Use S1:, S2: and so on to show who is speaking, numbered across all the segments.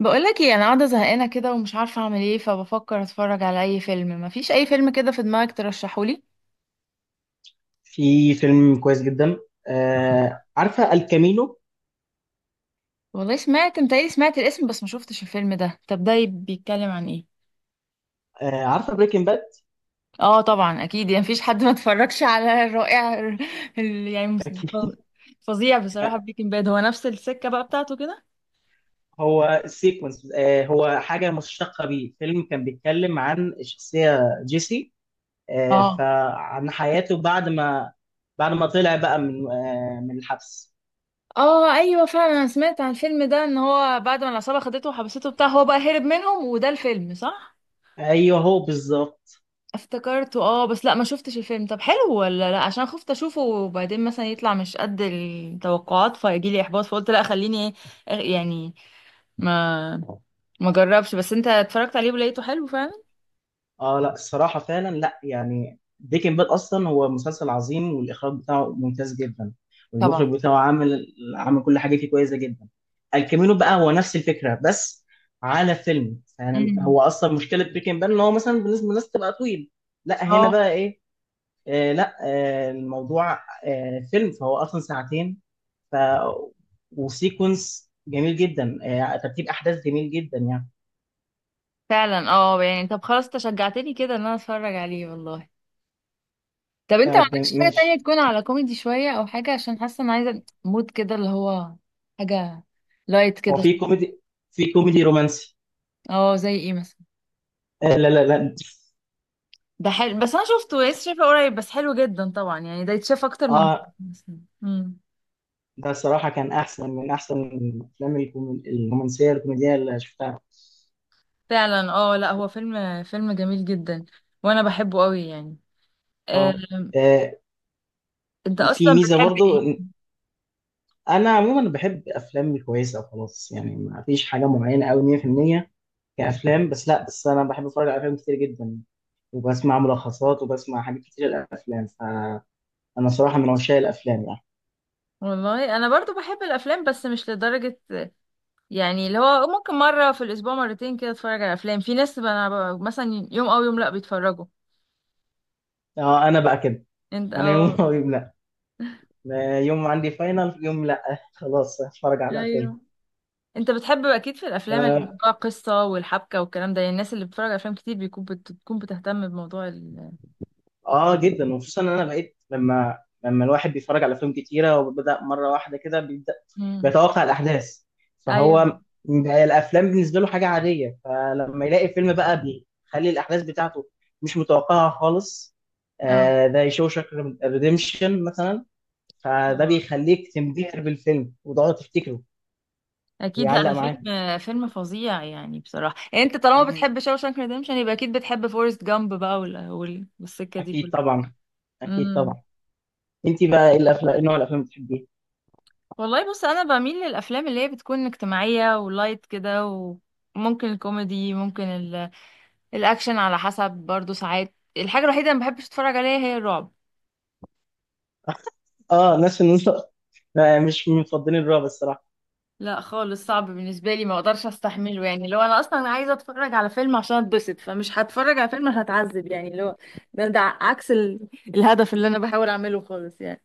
S1: بقولك ايه، انا قاعده زهقانه كده ومش عارفه اعمل ايه، فبفكر اتفرج على اي فيلم. مفيش اي فيلم كده في دماغك ترشحولي؟
S2: في فيلم كويس جدا. آه، عارفه الكامينو؟
S1: والله سمعت، متهيألي سمعت الاسم بس ما شفتش الفيلم ده. طب ده بيتكلم عن ايه؟
S2: آه، عارفه بريكنج باد؟
S1: اه طبعا اكيد، يعني مفيش حد ما اتفرجش على الرائع ال- يعني مس-
S2: اكيد.
S1: فظيع بصراحه، بريكنج باد هو نفس السكه بقى بتاعته كده.
S2: هو سيكونس، هو حاجه مشتقه بيه، فيلم كان بيتكلم عن الشخصيه جيسي.
S1: اه،
S2: فعن حياته بعد ما بعد ما طلع بقى من من الحبس.
S1: اه، ايوه فعلا، انا سمعت عن الفيلم ده ان هو بعد ما العصابه خدته وحبسته بتاع، هو بقى هرب منهم وده الفيلم صح؟
S2: ايوه هو بالظبط.
S1: افتكرته اه، بس لا، ما شفتش الفيلم. طب حلو ولا لا؟ عشان خفت اشوفه وبعدين مثلا يطلع مش قد التوقعات فيجي لي احباط. فقلت لا خليني، أغ- يعني ما ما جربش. بس انت اتفرجت عليه ولقيته حلو فعلا؟
S2: اه لا الصراحة فعلا، لا يعني بريكنج باد اصلا هو مسلسل عظيم، والاخراج بتاعه ممتاز جدا،
S1: طبعا.
S2: والمخرج بتاعه عامل عامل كل حاجة فيه كويسة جدا. الكامينو بقى هو نفس الفكرة، بس على فيلم. يعني
S1: امم.
S2: هو اصلا مشكلة بريكنج باد ان هو مثلا بالنسبة للناس تبقى طويل، لا هنا
S1: اه
S2: بقى ايه، آه لا آه الموضوع فيلم، فهو اصلا ساعتين. ف وسيكونس جميل جدا، آه، ترتيب احداث جميل جدا يعني.
S1: فعلا، اه يعني طب خلاص، انت شجعتني كده ان انا اتفرج عليه والله. طب انت ما عندكش حاجة تانية
S2: فماشي.
S1: تكون على كوميدي شوية، او حاجة عشان حاسة ان عايزة مود كده اللي هو حاجة لايت
S2: هو
S1: كده.
S2: في كوميدي، في كوميدي رومانسي.
S1: اه زي ايه مثلا؟
S2: لا.
S1: ده حلو، بس انا شفته لسه، شايفه قريب، بس حلو جدا طبعا يعني، ده يتشاف اكتر من...
S2: اه
S1: امم.
S2: ده صراحة كان أحسن من أحسن الأفلام الرومانسية الكوميدية اللي شفتها.
S1: فعلا اه، لا هو فيلم جميل جدا، وانا بحبه قوي يعني. آه،
S2: اه، آه،
S1: انت
S2: في
S1: اصلا
S2: ميزة
S1: بتحب
S2: برضو
S1: ايه؟
S2: إن أنا عموما بحب أفلام كويسة وخلاص، يعني ما فيش حاجة معينة أوي 100% كأفلام. بس لا، بس أنا بحب أتفرج على أفلام كتير جدا، وبسمع ملخصات وبسمع حاجات كتير للأفلام، فأنا صراحة من عشاق الأفلام يعني.
S1: والله انا برضو بحب الافلام بس مش لدرجه، يعني اللي هو ممكن مره في الاسبوع مرتين كده اتفرج على افلام. في ناس بقى- انا ب- مثلا يوم او يوم لا بيتفرجوا.
S2: اه، أنا بقى كده،
S1: انت
S2: أنا يوم
S1: اه،
S2: أو يوم لا. لا، يوم عندي فاينل، يوم لا خلاص هتفرج على فيلم.
S1: ايوه، انت بتحب اكيد في الافلام اللي
S2: آه،
S1: فيها قصه والحبكه والكلام ده، يعني الناس اللي بتتفرج على افلام كتير بيكون بت- بتكون بتهتم بموضوع ال...
S2: اه جدا. وخصوصا ان انا بقيت، لما الواحد بيتفرج على افلام كتيره وبدا مره واحده كده، بيبدا
S1: مم.
S2: بيتوقع الاحداث.
S1: ايوه
S2: فهو بقى الافلام بالنسبه له حاجه عاديه، فلما يلاقي فيلم بقى بيخلي الاحداث بتاعته مش متوقعه خالص،
S1: اه،
S2: آه ده شوشك ريديمشن مثلا، فده
S1: طبعا
S2: بيخليك تنبهر بالفيلم وتقعد تفتكره
S1: اكيد، لا
S2: ويعلق
S1: ده
S2: معاك.
S1: فيلم فظيع يعني بصراحه. يعني انت طالما
S2: مم،
S1: بتحب شاوشانك ريديمشن يبقى اكيد بتحب فورست جامب بقى وال- وال- والسكه دي
S2: اكيد
S1: كلها.
S2: طبعا. اكيد
S1: امم.
S2: طبعا. انت بقى ايه الافلام، إيه نوع الافلام اللي بتحبيها؟
S1: والله بص، انا بميل للافلام اللي هي بتكون اجتماعيه ولايت كده، وممكن الكوميدي، ممكن ال... الاكشن على حسب، برضو ساعات الحاجه الوحيده اللي ما بحبش اتفرج عليها هي الرعب.
S2: اه الناس اللي آه، مش مفضلين الرعب الصراحه.
S1: لا خالص، صعب بالنسبة لي، ما اقدرش استحمله. يعني لو انا اصلا عايزة اتفرج على فيلم عشان اتبسط فمش هتفرج على فيلم هتعذب، يعني اللي هو ده عكس ال... الهدف اللي انا بحاول اعمله خالص يعني.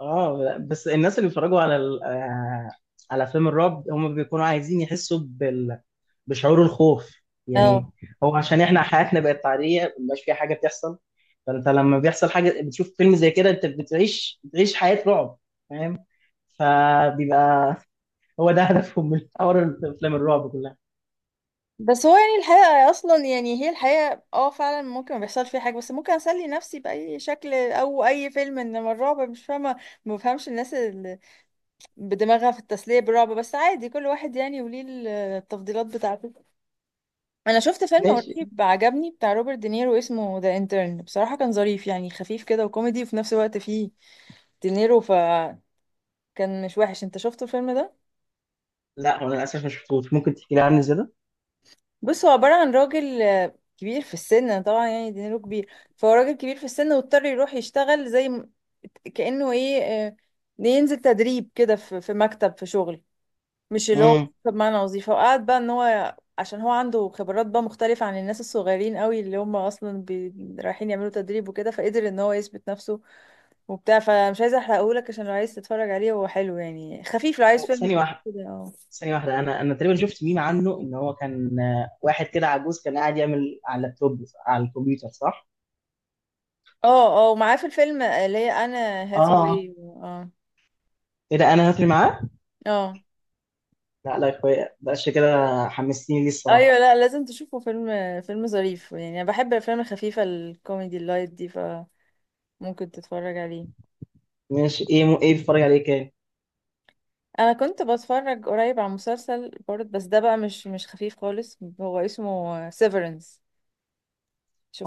S2: اه، بس الناس اللي بيتفرجوا على ال... آه، على فيلم الرعب، هم بيكونوا عايزين يحسوا بال... بشعور الخوف يعني.
S1: اه
S2: هو عشان احنا حياتنا بقت عاديه، مبقاش فيها حاجه بتحصل، فانت لما بيحصل حاجه بتشوف فيلم زي كده، انت بتعيش حياه رعب، فاهم؟ فبيبقى هو ده هدفهم من حوار افلام الرعب كلها.
S1: بس هو يعني الحقيقة اصلا، يعني هي الحقيقة، اه فعلا ممكن ما بيحصل فيها حاجة، بس ممكن اسلي نفسي بأي شكل او اي فيلم. انما الرعب مش فاهمة، ما بفهمش الناس اللي بدماغها في التسلية بالرعب، بس عادي كل واحد يعني، وليه التفضيلات بتاعته. انا شفت فيلم
S2: ماشي.
S1: قريب عجبني بتاع روبرت دينيرو، اسمه ذا انترن. بصراحة كان ظريف يعني، خفيف كده وكوميدي، وفي نفس الوقت فيه دينيرو، فكان مش وحش. انت شفته الفيلم ده؟
S2: لا هو انا للاسف ما شفتوش، ممكن تحكي لي عنه زياده.
S1: بص، هو عبارة عن راجل كبير في السن. طبعا يعني دينيرو كبير، فهو راجل كبير في السن، واضطر يروح يشتغل كأنه ايه، ينزل تدريب كده في مكتب في شغل، مش اللي هو
S2: امم،
S1: بمعنى وظيفة. وقعد بقى ان هو عشان هو عنده خبرات بقى مختلفة عن الناس الصغيرين قوي اللي هم اصلا رايحين يعملوا تدريب. وكده فقدر ان هو يثبت نفسه وبتاع، فمش عايزة احرقهولك، عشان لو عايز تتفرج عليه هو حلو يعني، خفيف، لو عايز فيلم
S2: ثانيه واحده.
S1: خفيف كده. اه،
S2: ثانية واحدة أنا تقريبا شفت ميم عنه، إن هو كان آه، واحد كده عجوز كان قاعد يعمل على اللابتوب، على الكمبيوتر، صح؟
S1: اه، اه، ومعاه في الفيلم اللي هي انا
S2: آه،
S1: هاثاواي اه.
S2: إيه ده، أنا هاتري معاه؟
S1: اه
S2: لا يا أخويا بقاش كده، حمستني ليه
S1: ايوه،
S2: الصراحة.
S1: لا لازم تشوفه، فيلم ظريف يعني، انا بحب الافلام الخفيفة الكوميدي اللايت دي فممكن تتفرج عليه.
S2: ماشي. إيه م... إيه بتتفرج عليه كان؟
S1: انا كنت بتفرج قريب على مسلسل برضه، بس ده بقى مش خفيف خالص، هو اسمه سيفرنس،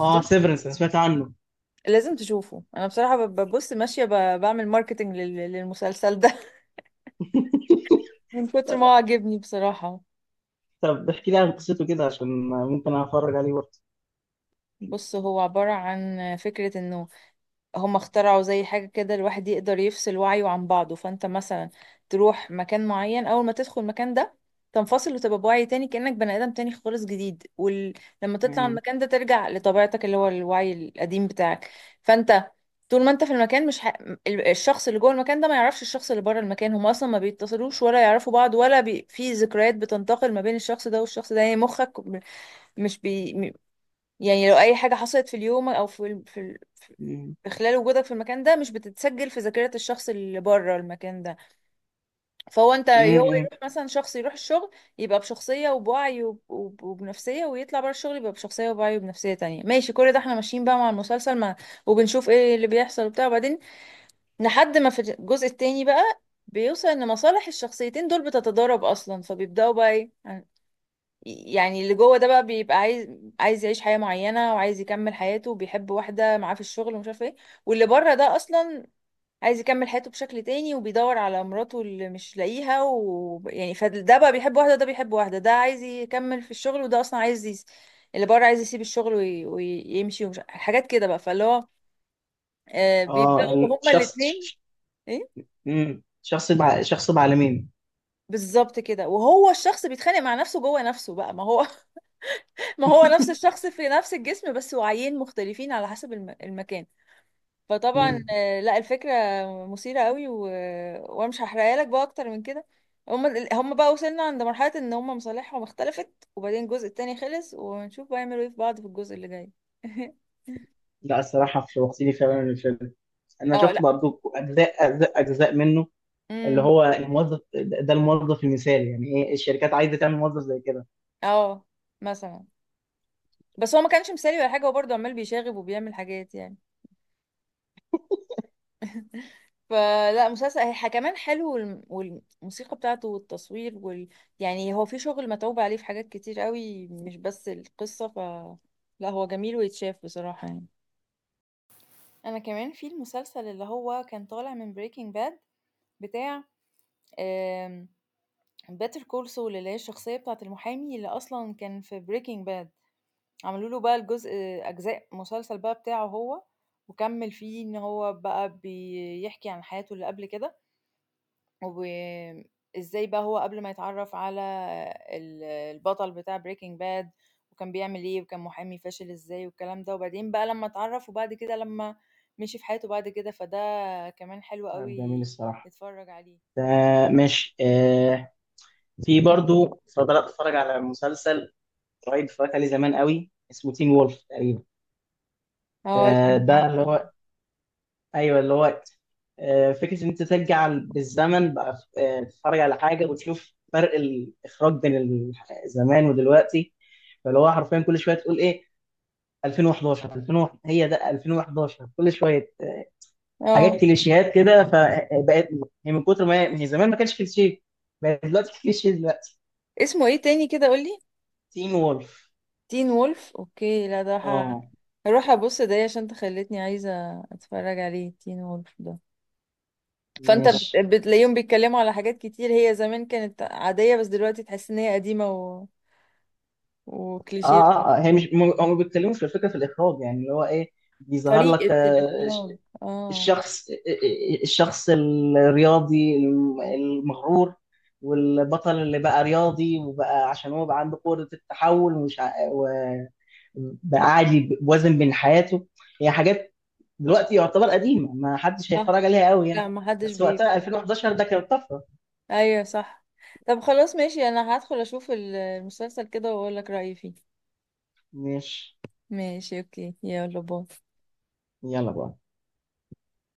S2: آه سيفرنس، أنا سمعت عنه.
S1: لازم تشوفه. انا بصراحة ببص ماشية بعمل ماركتنج للمسلسل ده، من كتر ما هو عجبني بصراحة.
S2: طب احكي لي عن قصته كده، عشان ممكن أتفرج عليه برضه.
S1: بص، هو عبارة عن فكرة انه هم اخترعوا زي حاجة كده، الواحد يقدر يفصل وعيه عن بعضه. فانت مثلا تروح مكان معين، اول ما تدخل المكان ده تنفصل وتبقى بوعي تاني كأنك بني آدم تاني خالص جديد. ولما تطلع من
S2: مم.
S1: المكان ده ترجع لطبيعتك اللي هو الوعي القديم بتاعك. فانت طول ما انت في المكان مش ح... الشخص اللي جوه المكان ده ما يعرفش الشخص اللي بره المكان. هم اصلا ما بيتصلوش ولا يعرفوا بعض ولا في ذكريات بتنتقل ما بين الشخص ده والشخص ده، يعني مخك م- مش بي... م- يعني لو اي حاجة حصلت في اليوم او
S2: مم.
S1: خلال وجودك في المكان ده مش بتتسجل في ذاكرة الشخص اللي بره المكان ده. فهو انت هو،
S2: مم.
S1: يروح مثلا شخص يروح الشغل يبقى بشخصية وبوعي وبنفسية، ويطلع بره الشغل يبقى بشخصية وبوعي وبنفسية تانية. ماشي، كل ده احنا ماشيين بقى مع المسلسل مع، وبنشوف ايه اللي بيحصل وبتاع. وبعدين لحد ما في الجزء التاني بقى بيوصل ان مصالح الشخصيتين دول بتتضارب اصلا، فبيبدأوا بقى ايه، يعني اللي جوه ده بقى بيبقى عايز يعيش حياة معينة، وعايز يكمل حياته وبيحب واحدة معاه في الشغل ومش عارف ايه. واللي بره ده اصلا عايز يكمل حياته بشكل تاني وبيدور على مراته اللي مش لاقيها و... يعني، فده بقى بيحب واحدة وده بيحب واحدة، ده عايز يكمل في الشغل وده أصلا عايز اللي بره عايز يسيب الشغل ويمشي ومش حاجات كده بقى. فاللي هو آه
S2: آه،
S1: بيبدأوا هما
S2: شخص
S1: الاتنين. ايه
S2: شخص بعالمين.
S1: بالظبط كده. وهو الشخص بيتخانق مع نفسه جوه نفسه بقى. ما هو، ما هو نفس الشخص في نفس الجسم بس وعيين مختلفين على حسب المكان.
S2: مم.
S1: فطبعا لا، الفكرة مثيرة قوي و... وانا مش هحرقها لك بقى اكتر من كده. هم هم بقى وصلنا عند مرحلة ان هم مصالحهم اختلفت. وبعدين الجزء التاني خلص ونشوف بقى يعملوا ايه في بعض في الجزء اللي جاي.
S2: لا الصراحة شوقتني فعلا الفيلم. انا
S1: اه
S2: شفت
S1: لا،
S2: برضو اجزاء اجزاء منه، اللي
S1: امم،
S2: هو الموظف ده، ده الموظف المثالي يعني، ايه الشركات عايزه تعمل موظف زي كده.
S1: اه مثلا، بس هو ما كانش مثالي ولا حاجة، هو برضه عمال بيشاغب وبيعمل حاجات يعني. فلا، مسلسل هي كمان حلو والموسيقى بتاعته والتصوير وال... يعني هو في شغل متعوب عليه في حاجات كتير قوي مش بس القصة. ف لا هو جميل ويتشاف بصراحة يعني.
S2: تعب جميل
S1: أنا كمان في
S2: الصراحه
S1: المسلسل اللي هو كان
S2: ده.
S1: طالع من Breaking Bad بتاع، آمم Better Call Saul، اللي هي الشخصية بتاعة المحامي اللي أصلًا كان في Breaking Bad، عملوا له بقى أجزاء مسلسل بقى بتاعه هو، وكمّل فيه إن هو بقى بيحكي عن حياته اللي قبل كده. وآمم، إزاي بقى هو قبل ما يتعرّف على البطل بتاع Breaking Bad، وكان بيعمل إيه، وكان محامي فاشل إزاي والكلام ده. وبعدين بقى لمّا اتعرّف وبعد كده لمّا مشي في حياته بعد كده، فده كمان حلو
S2: تعب جميل
S1: أوي
S2: الصراحه
S1: نتفرّج عليه.
S2: ده. ماشي. آه، في برضو بدات اتفرج على مسلسل قريب، اتفرجت عليه زمان قوي، اسمه تين وولف تقريبا.
S1: لأ
S2: آه،
S1: أنا
S2: ده اللي
S1: عارفاه،
S2: هو، ايوه اللي هو، آه، فكره ان انت ترجع بالزمن بقى، آه، تتفرج على حاجه وتشوف فرق الاخراج بين ال- زمان ودلوقتي. فاللي هو حرفيا كل شويه تقول ايه، 2011 2001، هي ده 2011، كل شويه
S1: آه،
S2: حاجات كليشيهات كده. فبقت هي من كتر ما هي من زمان، ما كانش كليشيه، بقت دلوقتي كليشيه دلوقتي.
S1: اسمه إيه تاني كده قُل لي؟
S2: تين وولف.
S1: Teen Wolf أوكي، لأ ده
S2: اه
S1: هاروح أبُص ده عشان أنت خلّيتني عايزة أتفرّج عليه Teen Wolf ده. فانت
S2: ماشي.
S1: بتلاقيهم بيتكلموا على حاجات كتير هي زمان كانت عادية بس دلوقتي تحس ان هي قديمة و...
S2: اه
S1: وكليشيه.
S2: اه آه، هي مش هم بيتكلموا في الفكره في الاخراج، يعني اللي هو ايه بيظهر لك،
S1: طريقة
S2: آه، ش-
S1: الإخراج اه،
S2: الشخص آه، آه، الشخص الرياضي المغرور، والبطل اللي بقى رياضي وبقى عشان هو بقى عنده قدره التحول، ومش بقى عادي، ب- وزن بين حياته. هي حاجات دلوقتي يعتبر قديمة، ما حدش
S1: صح،
S2: هيتفرج عليها قوي يعني.
S1: لا ما حدش
S2: بس
S1: بي،
S2: وقتها 2011 ده كانت طفرة.
S1: ايوه صح. طب خلاص ماشي، انا هدخل اشوف المسلسل كده واقول لك رأيي فيه.
S2: مش
S1: ماشي اوكي، يلا باي.
S2: يلا بقى.